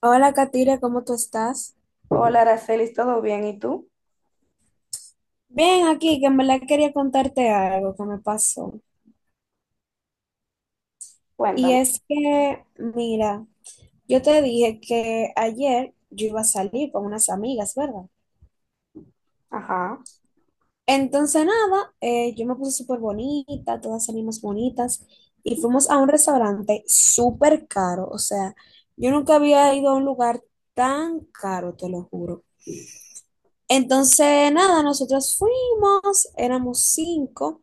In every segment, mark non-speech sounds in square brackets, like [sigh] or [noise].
Hola, Katira, ¿cómo tú estás? Hola, Aracelis, ¿todo bien? ¿Y tú? Bien, aquí, que en verdad quería contarte algo que me pasó. Y Cuéntame. es que, mira, yo te dije que ayer yo iba a salir con unas amigas, ¿verdad? Ajá, Entonces, nada, yo me puse súper bonita, todas salimos bonitas y fuimos a un restaurante súper caro. O sea, yo nunca había ido a un lugar tan caro, te lo juro. Entonces, nada, nosotros fuimos, éramos cinco.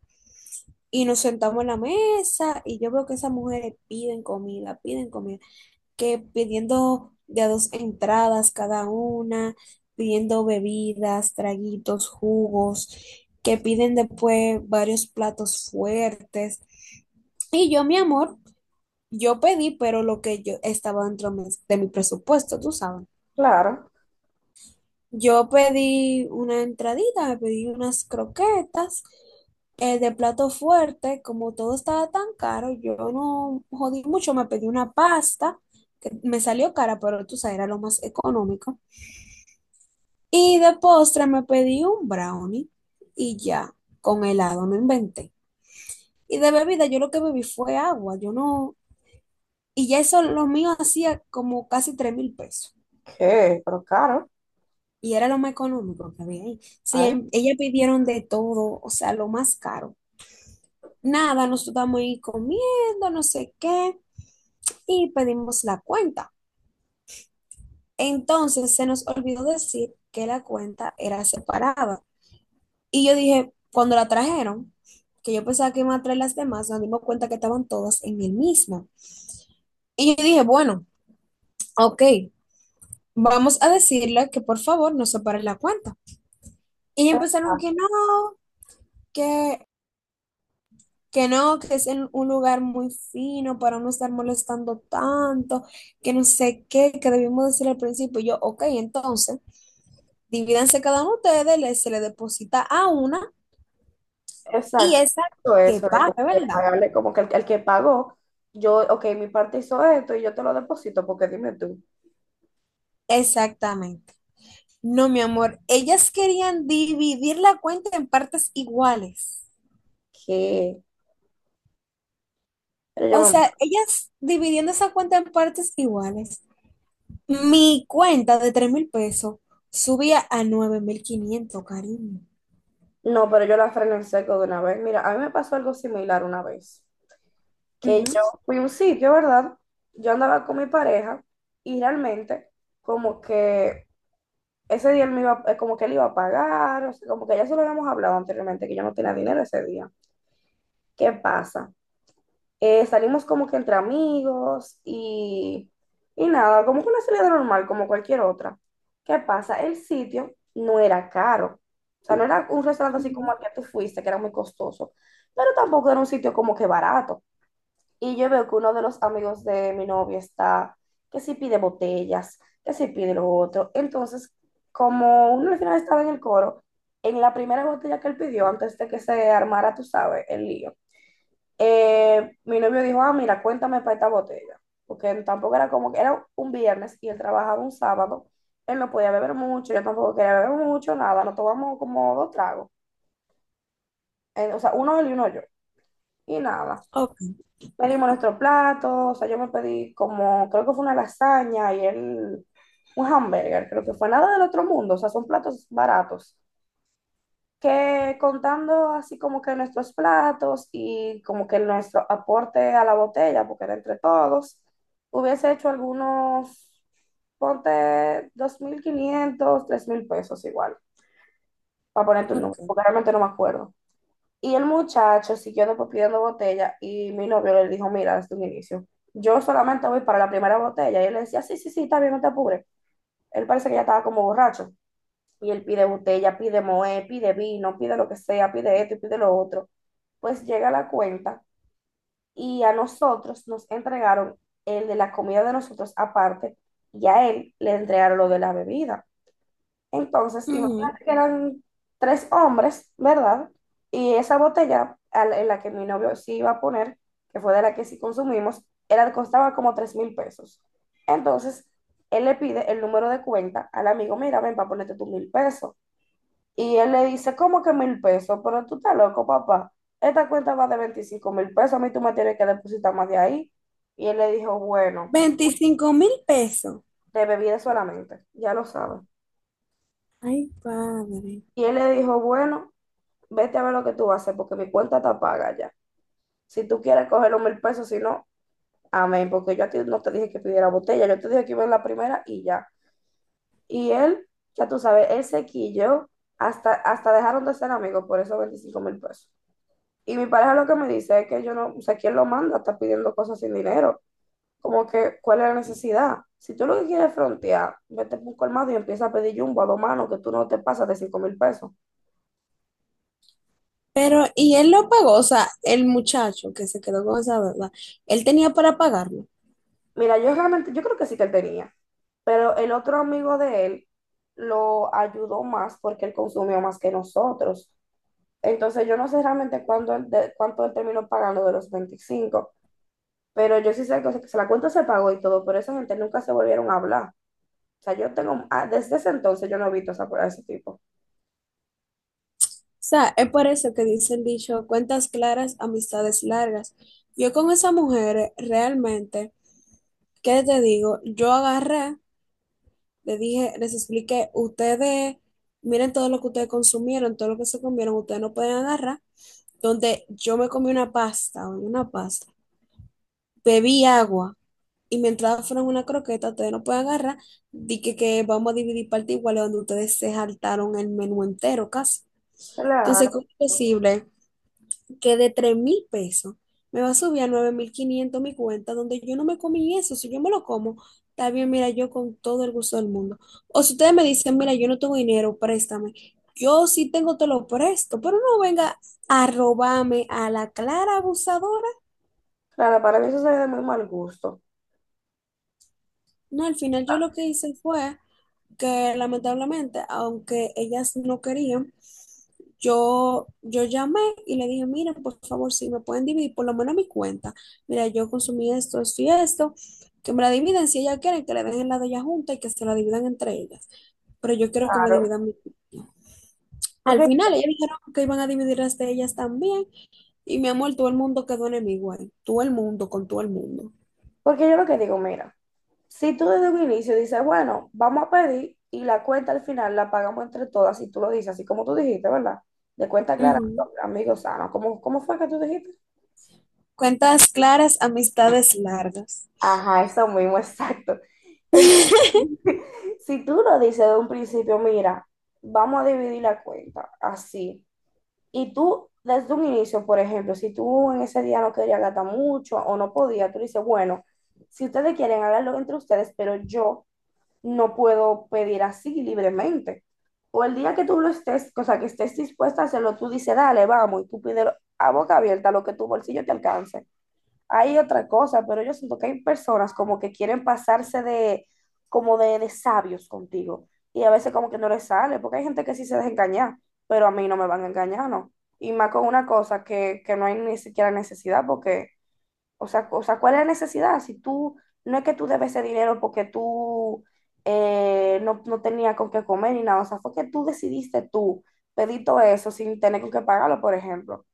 Y nos sentamos en la mesa y yo veo que esas mujeres piden comida, que pidiendo de a dos entradas cada una, pidiendo bebidas, traguitos, jugos, que piden después varios platos fuertes. Y yo, mi amor, yo pedí, pero lo que yo estaba dentro de mi presupuesto, tú sabes. claro. Yo pedí una entradita, me pedí unas croquetas, de plato fuerte, como todo estaba tan caro, yo no jodí mucho, me pedí una pasta, que me salió cara, pero tú sabes, era lo más económico. Y de postre me pedí un brownie y ya, con helado, no inventé. Y de bebida yo lo que bebí fue agua, yo no, y ya eso lo mío hacía como casi tres mil pesos. ¿Qué? Pero caro. Y era lo más económico que había ahí. Sí, Ay, ellas pidieron de todo, o sea, lo más caro. Nada, nosotros estábamos ahí comiendo, no sé qué, y pedimos la cuenta. Entonces se nos olvidó decir que la cuenta era separada. Y yo dije, cuando la trajeron, que yo pensaba que iban a traer las demás, nos dimos cuenta que estaban todas en el mismo. Y yo dije, bueno, ok, vamos a decirle que por favor nos separe la cuenta. Y empezaron que exacto. no, que que no, que es en un lugar muy fino para no estar molestando tanto, que no sé qué, que debimos decir al principio. Y yo, ok, entonces, divídanse cada uno de ustedes, le- se le deposita a una y Exacto. esa Todo que eso de como pague, que ¿verdad? pagarle, como que el que pagó, yo, ok, mi parte hizo esto y yo te lo deposito, porque dime tú, Exactamente. No, mi amor, ellas querían dividir la cuenta en partes iguales. ¿Qué? Pero yo O me- sea, ellas dividiendo esa cuenta en partes iguales. Mi cuenta de 3 mil pesos subía a nueve mil quinientos, cariño. no, pero yo la frené en seco de una vez. Mira, a mí me pasó algo similar una vez, que Ujú. yo fui a un sitio, ¿verdad? Yo andaba con mi pareja y realmente como que ese día él me iba, como que él iba a pagar, o sea, como que ya se lo habíamos hablado anteriormente, que yo no tenía dinero ese día. ¿Qué pasa? Salimos como que entre amigos y nada, como que una salida normal, como cualquier otra. ¿Qué pasa? El sitio no era caro. O sea, no era un restaurante así como Ujú, al que tú fuiste, que era muy costoso, pero tampoco era un sitio como que barato. Y yo veo que uno de los amigos de mi novia está, que si pide botellas, que si pide lo otro. Entonces, como uno al final estaba en el coro, en la primera botella que él pidió, antes de que se armara, tú sabes, el lío, mi novio dijo, ah, mira, cuéntame para esta botella. Porque tampoco era como que era un viernes y él trabajaba un sábado. Él no podía beber mucho, yo tampoco quería beber mucho, nada. Nos tomamos como dos tragos. O sea, uno él y uno yo. Y nada. ok, Pedimos nuestro plato, o sea, yo me pedí como, creo que fue una lasaña y él un hamburger, creo que fue nada del otro mundo, o sea, son platos baratos. Que contando así como que nuestros platos y como que nuestro aporte a la botella, porque era entre todos, hubiese hecho algunos, ponte 2,500, 3,000 pesos igual, para ponerte un número, ok, porque realmente no me acuerdo. Y el muchacho siguió después pidiendo botella y mi novio le dijo, mira, desde un inicio, yo solamente voy para la primera botella. Y él le decía, sí, sí, sí, está bien, no te apures. Él parece que ya estaba como borracho. Y él pide botella, pide moe, pide vino, pide lo que sea, pide esto y pide lo otro. Pues llega la cuenta y a nosotros nos entregaron el de la comida de nosotros aparte y a él le entregaron lo de la bebida. Entonces, ujú. imagínate que eran tres hombres, ¿verdad? Y esa botella en la que mi novio sí iba a poner, que fue de la que sí consumimos, era, costaba como 3,000 pesos. Entonces, él le pide el número de cuenta al amigo, mira, ven para ponerte tus 1,000 pesos. Y él le dice, ¿cómo que 1,000 pesos? Pero tú estás loco, papá. Esta cuenta va de 25,000 pesos, a mí tú me tienes que depositar más de ahí. Y él le dijo, bueno, 25 mil pesos. de bebida solamente, ya lo sabes. Ay, padre. Y él le dijo, bueno, vete a ver lo que tú vas a hacer porque mi cuenta está paga ya. Si tú quieres coger los 1,000 pesos, si no, amén, porque yo a ti no te dije que pidiera botella, yo te dije que iba en la primera y ya. Y él, ya tú sabes, él se quilló, hasta dejaron de ser amigos por esos 25,000 pesos. Y mi pareja lo que me dice es que yo no, o sea, ¿quién lo manda? Está pidiendo cosas sin dinero. Como que, ¿cuál es la necesidad? Si tú lo que quieres es frontear, vete por un colmado y empieza a pedir jumbo a dos manos que tú no te pasas de 5,000 pesos. Pero, ¿y él lo pagó? O sea, el muchacho que se quedó con esa deuda, él tenía para pagarlo. O Mira, yo realmente, yo creo que sí que él tenía. Pero el otro amigo de él lo ayudó más porque él consumió más que nosotros. Entonces yo no sé realmente cuánto él terminó pagando de los 25, pero yo sí sé que, o sea, que se la cuenta se pagó y todo, pero esa gente nunca se volvieron a hablar. O sea, yo tengo, desde ese entonces yo no he visto a ese tipo. sea, es por eso que dice el dicho, cuentas claras, amistades largas. Yo con esa mujer, realmente, ¿qué te digo? Yo agarré, le dije, les expliqué, ustedes, miren todo lo que ustedes consumieron, todo lo que se comieron, ustedes no pueden agarrar. Donde yo me comí una pasta, bebí agua y mi entrada fueron una croqueta, ustedes no pueden agarrar, di que vamos a dividir parte igual donde ustedes se saltaron el menú entero casi. Entonces, Claro, ¿cómo es posible que de 3 mil pesos me va a subir a 9.500 mi cuenta donde yo no me comí eso? Si yo me lo como, está bien, mira, yo con todo el gusto del mundo. O si ustedes me dicen, mira, yo no tengo dinero, préstame. Yo sí tengo, te lo presto, pero no venga a robarme a la clara abusadora. claro, para mí eso sería de muy mal gusto. No, al final yo lo que hice fue que lamentablemente, aunque ellas no querían, yo llamé y le dije, mira, por favor, si me pueden dividir por lo menos mi cuenta. Mira, yo consumí esto, esto y esto, que me la dividen si ellas quieren, que le den la de ella junta y que se la dividan entre ellas. Pero yo quiero que me Claro, dividan mi cuenta. Al porque, final, ellas dijeron que iban a dividir las de ellas también. Y mi amor, todo el mundo quedó enemigo ahí. Todo el mundo con todo el mundo. porque yo lo que digo, mira. Si tú desde un inicio dices, bueno, vamos a pedir y la cuenta al final la pagamos entre todas, si tú lo dices, así como tú dijiste, ¿verdad? De cuenta clara, Ujú. amigo sano. ¿Cómo fue que tú dijiste? Cuentas claras, amistades largas. Ajá, eso mismo, exacto. En- [laughs] [laughs] si tú lo dices de un principio, mira, vamos a dividir la cuenta así. Y tú desde un inicio, por ejemplo, si tú en ese día no querías gastar mucho o no podías, tú dices, bueno, si ustedes quieren, háganlo entre ustedes, pero yo no puedo pedir así libremente. O el día que tú lo estés, o sea, que estés dispuesta a hacerlo, tú dices, dale, vamos, y tú pides a boca abierta lo que tu bolsillo te alcance. Hay otra cosa, pero yo siento que hay personas como que quieren pasarse de, como de sabios contigo. Y a veces como que no les sale, porque hay gente que sí se deja engañar, pero a mí no me van a engañar, ¿no? Y más con una cosa que no hay ni siquiera necesidad, porque o sea, ¿cuál es la necesidad? Si tú, no es que tú debes ese dinero porque tú no, no tenías con qué comer ni nada, o sea, fue que tú decidiste tú pedir todo eso sin tener con qué pagarlo, por ejemplo.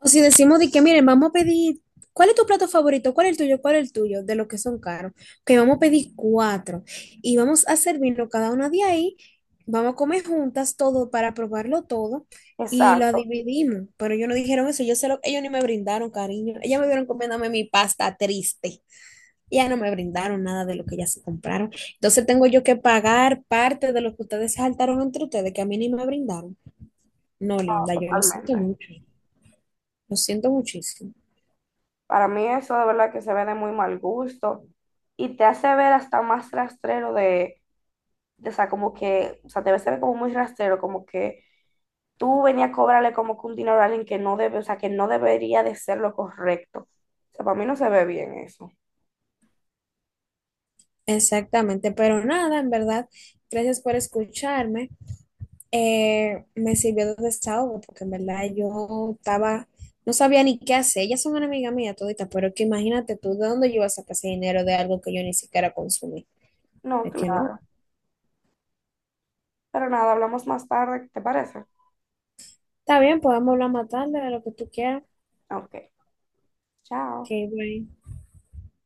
O si decimos de que, miren, vamos a pedir, ¿cuál es tu plato favorito? ¿Cuál es el tuyo? ¿Cuál es el tuyo? De los que son caros. Que vamos a pedir cuatro y vamos a servirlo cada una de ahí. Vamos a comer juntas todo para probarlo todo y la Exacto, dividimos. Pero ellos no dijeron eso, yo se lo, ellos ni me brindaron, cariño. Ellas me vieron comiéndome mi pasta triste. Ya no me brindaron nada de lo que ya se compraron. Entonces tengo yo que pagar parte de lo que ustedes se saltaron entre ustedes, que a mí ni me brindaron. No, linda, yo lo siento totalmente. mucho. Lo siento muchísimo. Para mí eso de verdad que se ve de muy mal gusto y te hace ver hasta más rastrero de, o sea, como que, o sea, te ves se ve como muy rastrero, como que tú venías a cobrarle como que un dinero a alguien que no debe, o sea, que no debería de ser lo correcto. O sea, para mí no se ve bien eso. Exactamente, pero nada, en verdad, gracias por escucharme. Me sirvió de desahogo porque en verdad yo estaba, no sabía ni qué hacer. Ellas son una amiga mía todita, pero que imagínate tú de dónde yo iba a sacar ese dinero de algo que yo ni siquiera consumí. No, Es que no. claro. Pero nada, hablamos más tarde, ¿te parece? Está bien, podemos hablar más tarde de lo que tú quieras. Ok, chao. Que bueno.